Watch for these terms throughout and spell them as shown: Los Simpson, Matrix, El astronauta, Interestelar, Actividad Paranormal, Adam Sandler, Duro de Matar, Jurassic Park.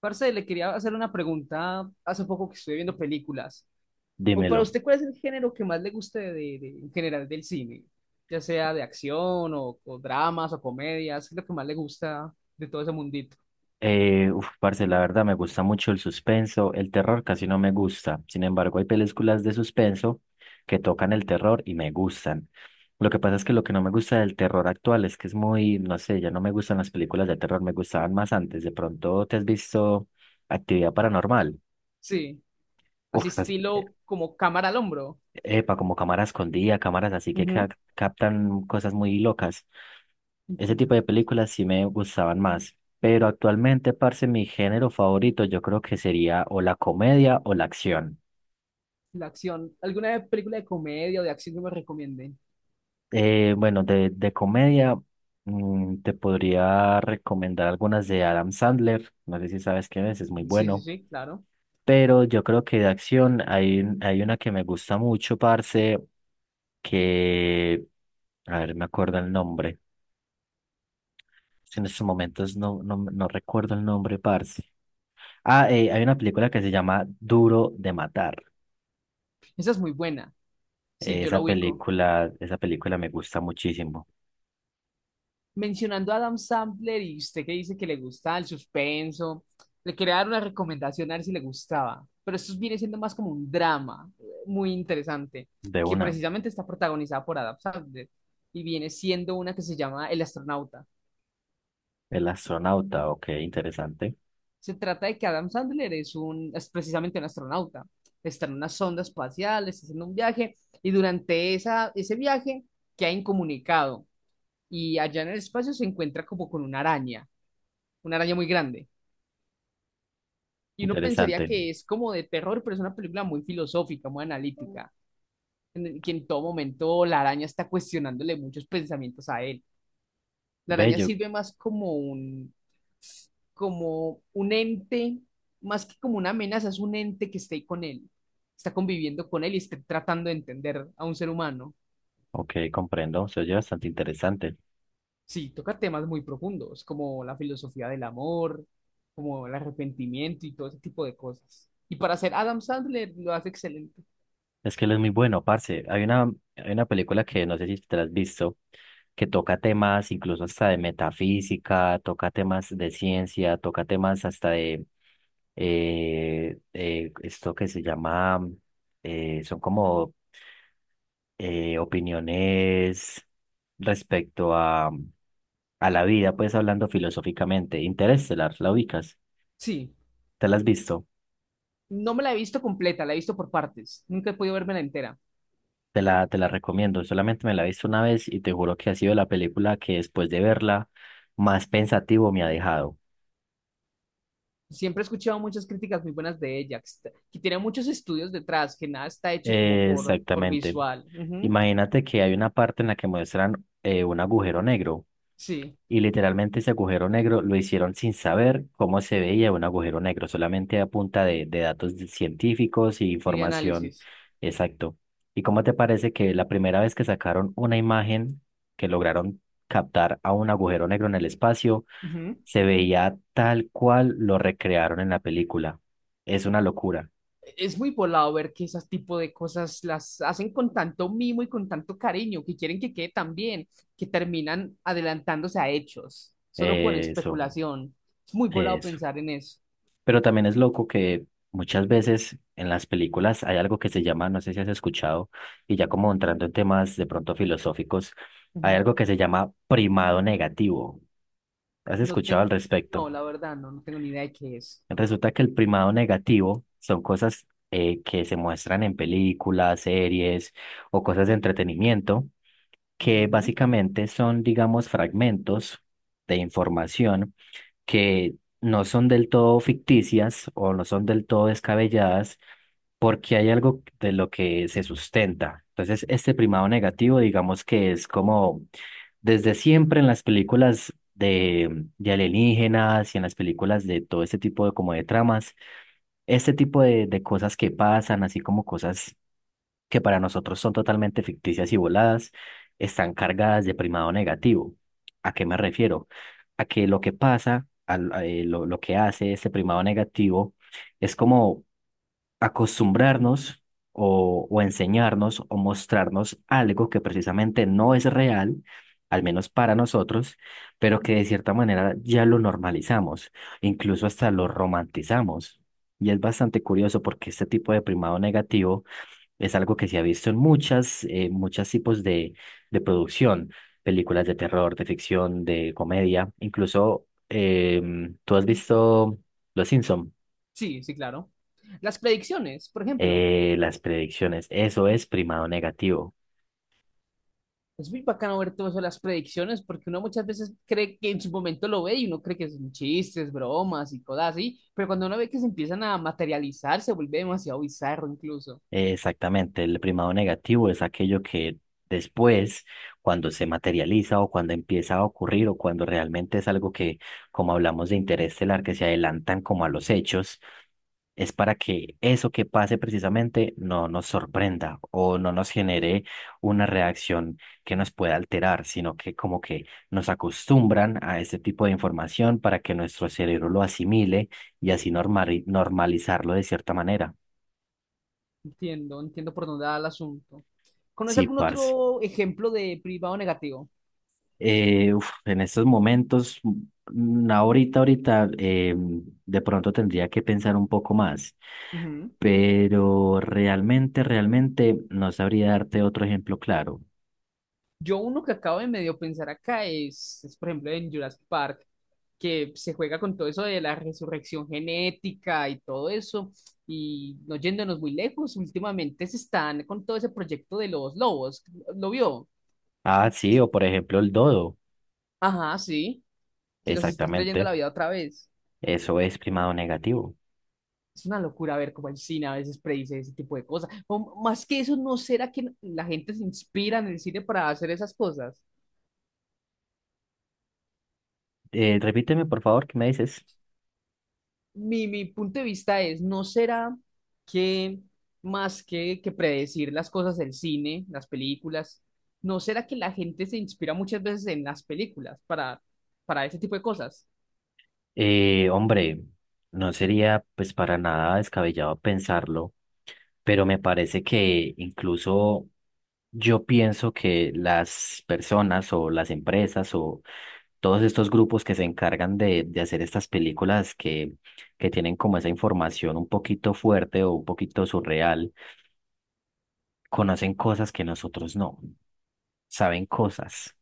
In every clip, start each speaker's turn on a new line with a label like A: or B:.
A: Parce, le quería hacer una pregunta hace poco que estuve viendo películas. ¿O
B: Dímelo.
A: para usted cuál es el género que más le guste de, en general del cine? Ya sea de acción o dramas o comedias, ¿qué es lo que más le gusta de todo ese mundito?
B: Parce, la verdad me gusta mucho el suspenso, el terror casi no me gusta. Sin embargo, hay películas de suspenso que tocan el terror y me gustan. Lo que pasa es que lo que no me gusta del terror actual es que es muy, no sé, ya no me gustan las películas de terror, me gustaban más antes. ¿De pronto te has visto Actividad Paranormal?
A: Sí,
B: Uf,
A: así estilo como cámara al hombro.
B: epa, como cámaras escondida, cámaras así que ca-
A: Ujú.
B: captan cosas muy locas. Ese tipo
A: Entiendo.
B: de películas sí me gustaban más, pero actualmente, parce, mi género favorito yo creo que sería o la comedia o la acción.
A: La acción. ¿Alguna película de comedia o de acción que me recomienden?
B: Bueno, de comedia te podría recomendar algunas de Adam Sandler, no sé si sabes quién es muy
A: Sí, sí,
B: bueno,
A: sí, claro.
B: pero yo creo que de acción hay, hay una que me gusta mucho, parce, que, a ver, me acuerdo el nombre. Es que en estos momentos no recuerdo el nombre, parce. Hay una película que se llama Duro de Matar.
A: Esa es muy buena. Sí, yo la ubico.
B: Esa película me gusta muchísimo.
A: Mencionando a Adam Sandler y usted que dice que le gusta el suspenso, le quería dar una recomendación a ver si le gustaba, pero esto viene siendo más como un drama muy interesante,
B: De
A: que
B: una.
A: precisamente está protagonizada por Adam Sandler y viene siendo una que se llama El astronauta.
B: El astronauta, ok, interesante,
A: Se trata de que Adam Sandler es precisamente un astronauta, está en una sonda espacial, está haciendo un viaje y durante ese viaje queda incomunicado y allá en el espacio se encuentra como con una araña muy grande y uno pensaría
B: interesante.
A: que es como de terror, pero es una película muy filosófica, muy analítica, en el que en todo momento la araña está cuestionándole muchos pensamientos a él. La araña
B: Bello,
A: sirve más como como un ente, más que como una amenaza, es un ente que está ahí con él, está conviviendo con él y está tratando de entender a un ser humano.
B: ok, comprendo, se oye bastante interesante.
A: Sí, toca temas muy profundos, como la filosofía del amor, como el arrepentimiento y todo ese tipo de cosas. Y para ser Adam Sandler lo hace excelente.
B: Es que él es muy bueno, parce. Hay una película que no sé si te la has visto, que toca temas incluso hasta de metafísica, toca temas de ciencia, toca temas hasta de esto que se llama, son como opiniones respecto a la vida, pues hablando filosóficamente. Interestelar, ¿la ubicas?
A: Sí,
B: ¿Te la has visto?
A: no me la he visto completa, la he visto por partes. Nunca he podido verme la entera.
B: Te la recomiendo. Solamente me la he visto una vez y te juro que ha sido la película que después de verla más pensativo me ha dejado.
A: Siempre he escuchado muchas críticas muy buenas de ella, que, que tiene muchos estudios detrás, que nada está hecho como por
B: Exactamente.
A: visual. Ujú.
B: Imagínate que hay una parte en la que muestran un agujero negro.
A: Sí,
B: Y literalmente ese agujero negro lo hicieron sin saber cómo se veía un agujero negro, solamente a punta de datos de- científicos y
A: y de
B: información
A: análisis.
B: exacto. ¿Y cómo te parece que la primera vez que sacaron una imagen que lograron captar a un agujero negro en el espacio,
A: Ujú.
B: se veía tal cual lo recrearon en la película? Es una locura.
A: Es muy volado ver que ese tipo de cosas las hacen con tanto mimo y con tanto cariño, que quieren que quede tan bien, que terminan adelantándose a hechos, solo por
B: Eso,
A: especulación. Es muy volado
B: eso.
A: pensar en eso.
B: Pero también es loco que muchas veces en las películas hay algo que se llama, no sé si has escuchado, y ya como entrando en temas de pronto filosóficos, hay
A: Ujú.
B: algo que se llama primado negativo. ¿Has
A: No
B: escuchado
A: tengo,
B: al respecto?
A: no, la verdad, no, no tengo ni idea de qué es.
B: Resulta que el primado negativo son cosas que se muestran en películas, series o cosas de entretenimiento, que
A: Ujú.
B: básicamente son, digamos, fragmentos de información que no son del todo ficticias o no son del todo descabelladas porque hay algo de lo que se sustenta. Entonces, este primado negativo, digamos que es como desde siempre en las películas de alienígenas y en las películas de todo este tipo de como de tramas, este tipo de cosas que pasan, así como cosas que para nosotros son totalmente ficticias y voladas, están cargadas de primado negativo. ¿A qué me refiero? A que lo que pasa, lo que hace este primado negativo, es como acostumbrarnos o enseñarnos o mostrarnos algo que precisamente no es real, al menos para nosotros, pero que de cierta manera ya lo normalizamos, incluso hasta lo romantizamos. Y es bastante curioso porque este tipo de primado negativo es algo que se ha visto en muchas, muchos tipos de producción, películas de terror, de ficción, de comedia, incluso tú has visto Los Simpson.
A: Sí, sí, claro. Las predicciones, por ejemplo.
B: Las predicciones, eso es primado negativo.
A: Es muy bacano ver todo eso, de las predicciones, porque uno muchas veces cree que en su momento lo ve y uno cree que son chistes, bromas y cosas así, pero cuando uno ve que se empiezan a materializar, se vuelve demasiado bizarro incluso.
B: Exactamente, el primado negativo es aquello que después, cuando se materializa o cuando empieza a ocurrir o cuando realmente es algo que, como hablamos de interés estelar, que se adelantan como a los hechos, es para que eso que pase precisamente no nos sorprenda o no nos genere una reacción que nos pueda alterar, sino que como que nos acostumbran a ese tipo de información para que nuestro cerebro lo asimile y así normalizarlo de cierta manera.
A: Entiendo, entiendo por dónde va el asunto. ¿Conoce
B: Sí,
A: algún
B: parce.
A: otro ejemplo de privado negativo?
B: En estos momentos, ahorita, de pronto tendría que pensar un poco más.
A: Ujú.
B: Pero realmente no sabría darte otro ejemplo claro.
A: Yo uno que acabo de medio pensar acá por ejemplo, en Jurassic Park, que se juega con todo eso de la resurrección genética y todo eso, y no yéndonos muy lejos, últimamente se están con todo ese proyecto de los lobos. ¿Lo vio?
B: Sí, o por ejemplo el dodo.
A: Ajá, sí, que los están trayendo a
B: Exactamente.
A: la vida otra vez.
B: Eso es primado negativo.
A: Es una locura ver cómo el cine a veces predice ese tipo de cosas. O, más que eso, ¿no será que la gente se inspira en el cine para hacer esas cosas?
B: Repíteme, por favor, ¿qué me dices?
A: Mi punto de vista es, ¿no será que más que predecir las cosas del cine, las películas, no será que la gente se inspira muchas veces en las películas para ese tipo de cosas?
B: Hombre, no sería pues para nada descabellado pensarlo, pero me parece que incluso yo pienso que las personas o las empresas o todos estos grupos que se encargan de hacer estas películas que tienen como esa información un poquito fuerte o un poquito surreal, conocen cosas que nosotros no, saben cosas.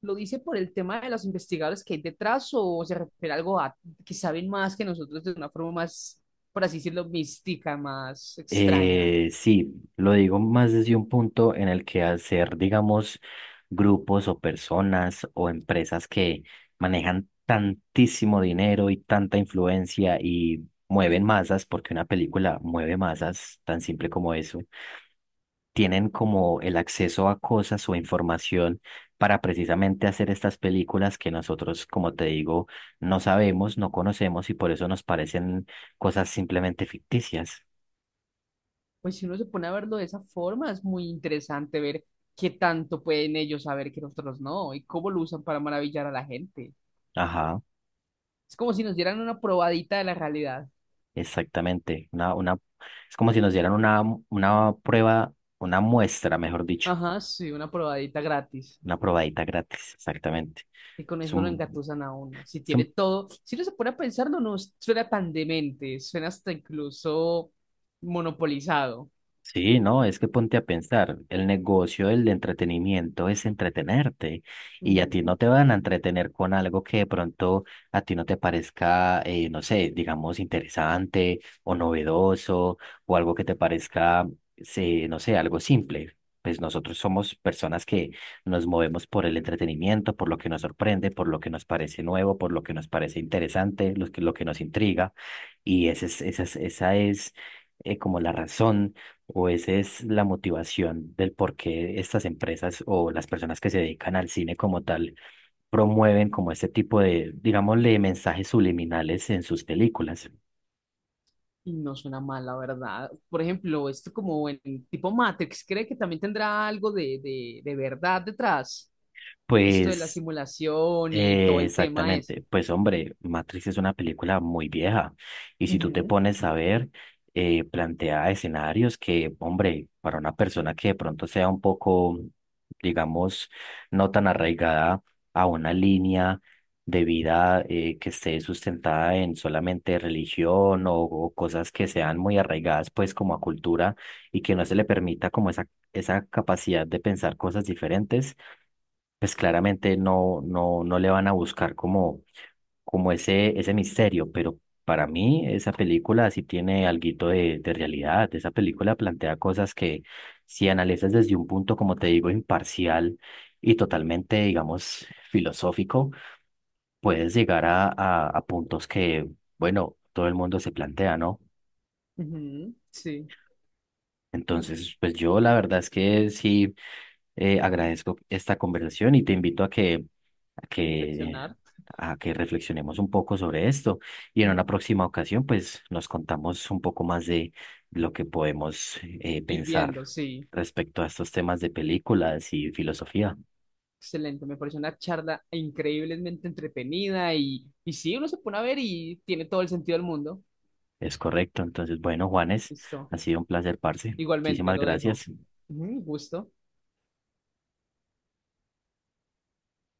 A: ¿Lo dice por el tema de los investigadores que hay detrás o se refiere a algo a que saben más que nosotros de una forma más, por así decirlo, mística, más extraña?
B: Sí, lo digo más desde un punto en el que hacer, digamos, grupos o personas o empresas que manejan tantísimo dinero y tanta influencia y mueven masas, porque una película mueve masas, tan simple como eso, tienen como el acceso a cosas o información para precisamente hacer estas películas que nosotros, como te digo, no sabemos, no conocemos y por eso nos parecen cosas simplemente ficticias.
A: Pues si uno se pone a verlo de esa forma, es muy interesante ver qué tanto pueden ellos saber que nosotros no y cómo lo usan para maravillar a la gente.
B: Ajá.
A: Es como si nos dieran una probadita de la realidad.
B: Exactamente, es como si nos dieran una prueba, una muestra, mejor dicho,
A: Ajá, sí, una probadita gratis.
B: una probadita gratis, exactamente.
A: Y con
B: Es
A: eso lo
B: un,
A: engatusan a uno. Si
B: es
A: tiene
B: un.
A: todo, si uno se pone a pensarlo, no suena tan demente, suena hasta incluso monopolizado.
B: Sí, no, es que ponte a pensar, el negocio del entretenimiento es entretenerte y a ti
A: Ujú.
B: no te van a entretener con algo que de pronto a ti no te parezca, no sé, digamos, interesante o novedoso o algo que te parezca, no sé, algo simple. Pues nosotros somos personas que nos movemos por el entretenimiento, por lo que nos sorprende, por lo que nos parece nuevo, por lo que nos parece interesante, lo que nos intriga y esa es como la razón o esa es la motivación del por qué estas empresas o las personas que se dedican al cine como tal promueven como este tipo de, digámosle, mensajes subliminales en sus películas.
A: Y no suena mal, la verdad. Por ejemplo, esto como en tipo Matrix, ¿cree que también tendrá algo de verdad detrás? Esto de la
B: Pues
A: simulación y todo el tema
B: Exactamente.
A: ese.
B: Pues hombre, Matrix es una película muy vieja y si tú te
A: Ujú,
B: pones a ver, plantea escenarios que, hombre, para una persona que de pronto sea un poco, digamos, no tan arraigada a una línea de vida que esté sustentada en solamente religión o cosas que sean muy arraigadas pues como a cultura y que no se le permita como esa capacidad de pensar cosas diferentes pues claramente no le van a buscar como, como ese misterio, pero para mí esa película sí tiene alguito de realidad. Esa película plantea cosas que si analizas desde un punto, como te digo, imparcial y totalmente, digamos, filosófico, puedes llegar a puntos que, bueno, todo el mundo se plantea, ¿no?
A: ujú, sí. Y
B: Entonces, pues yo la verdad es que sí. Agradezco esta conversación y te invito a que, a que,
A: reflexionar.
B: a que reflexionemos un poco sobre esto y en una próxima ocasión pues nos contamos un poco más de lo que podemos
A: Ir
B: pensar
A: viendo, sí.
B: respecto a estos temas de películas y filosofía.
A: Excelente, me pareció una charla increíblemente entretenida y sí, uno se pone a ver y tiene todo el sentido del mundo.
B: Es correcto. Entonces, bueno, Juanes,
A: Listo,
B: ha sido un placer, parce.
A: igualmente
B: Muchísimas
A: lo dejo.
B: gracias.
A: Ujú, gusto.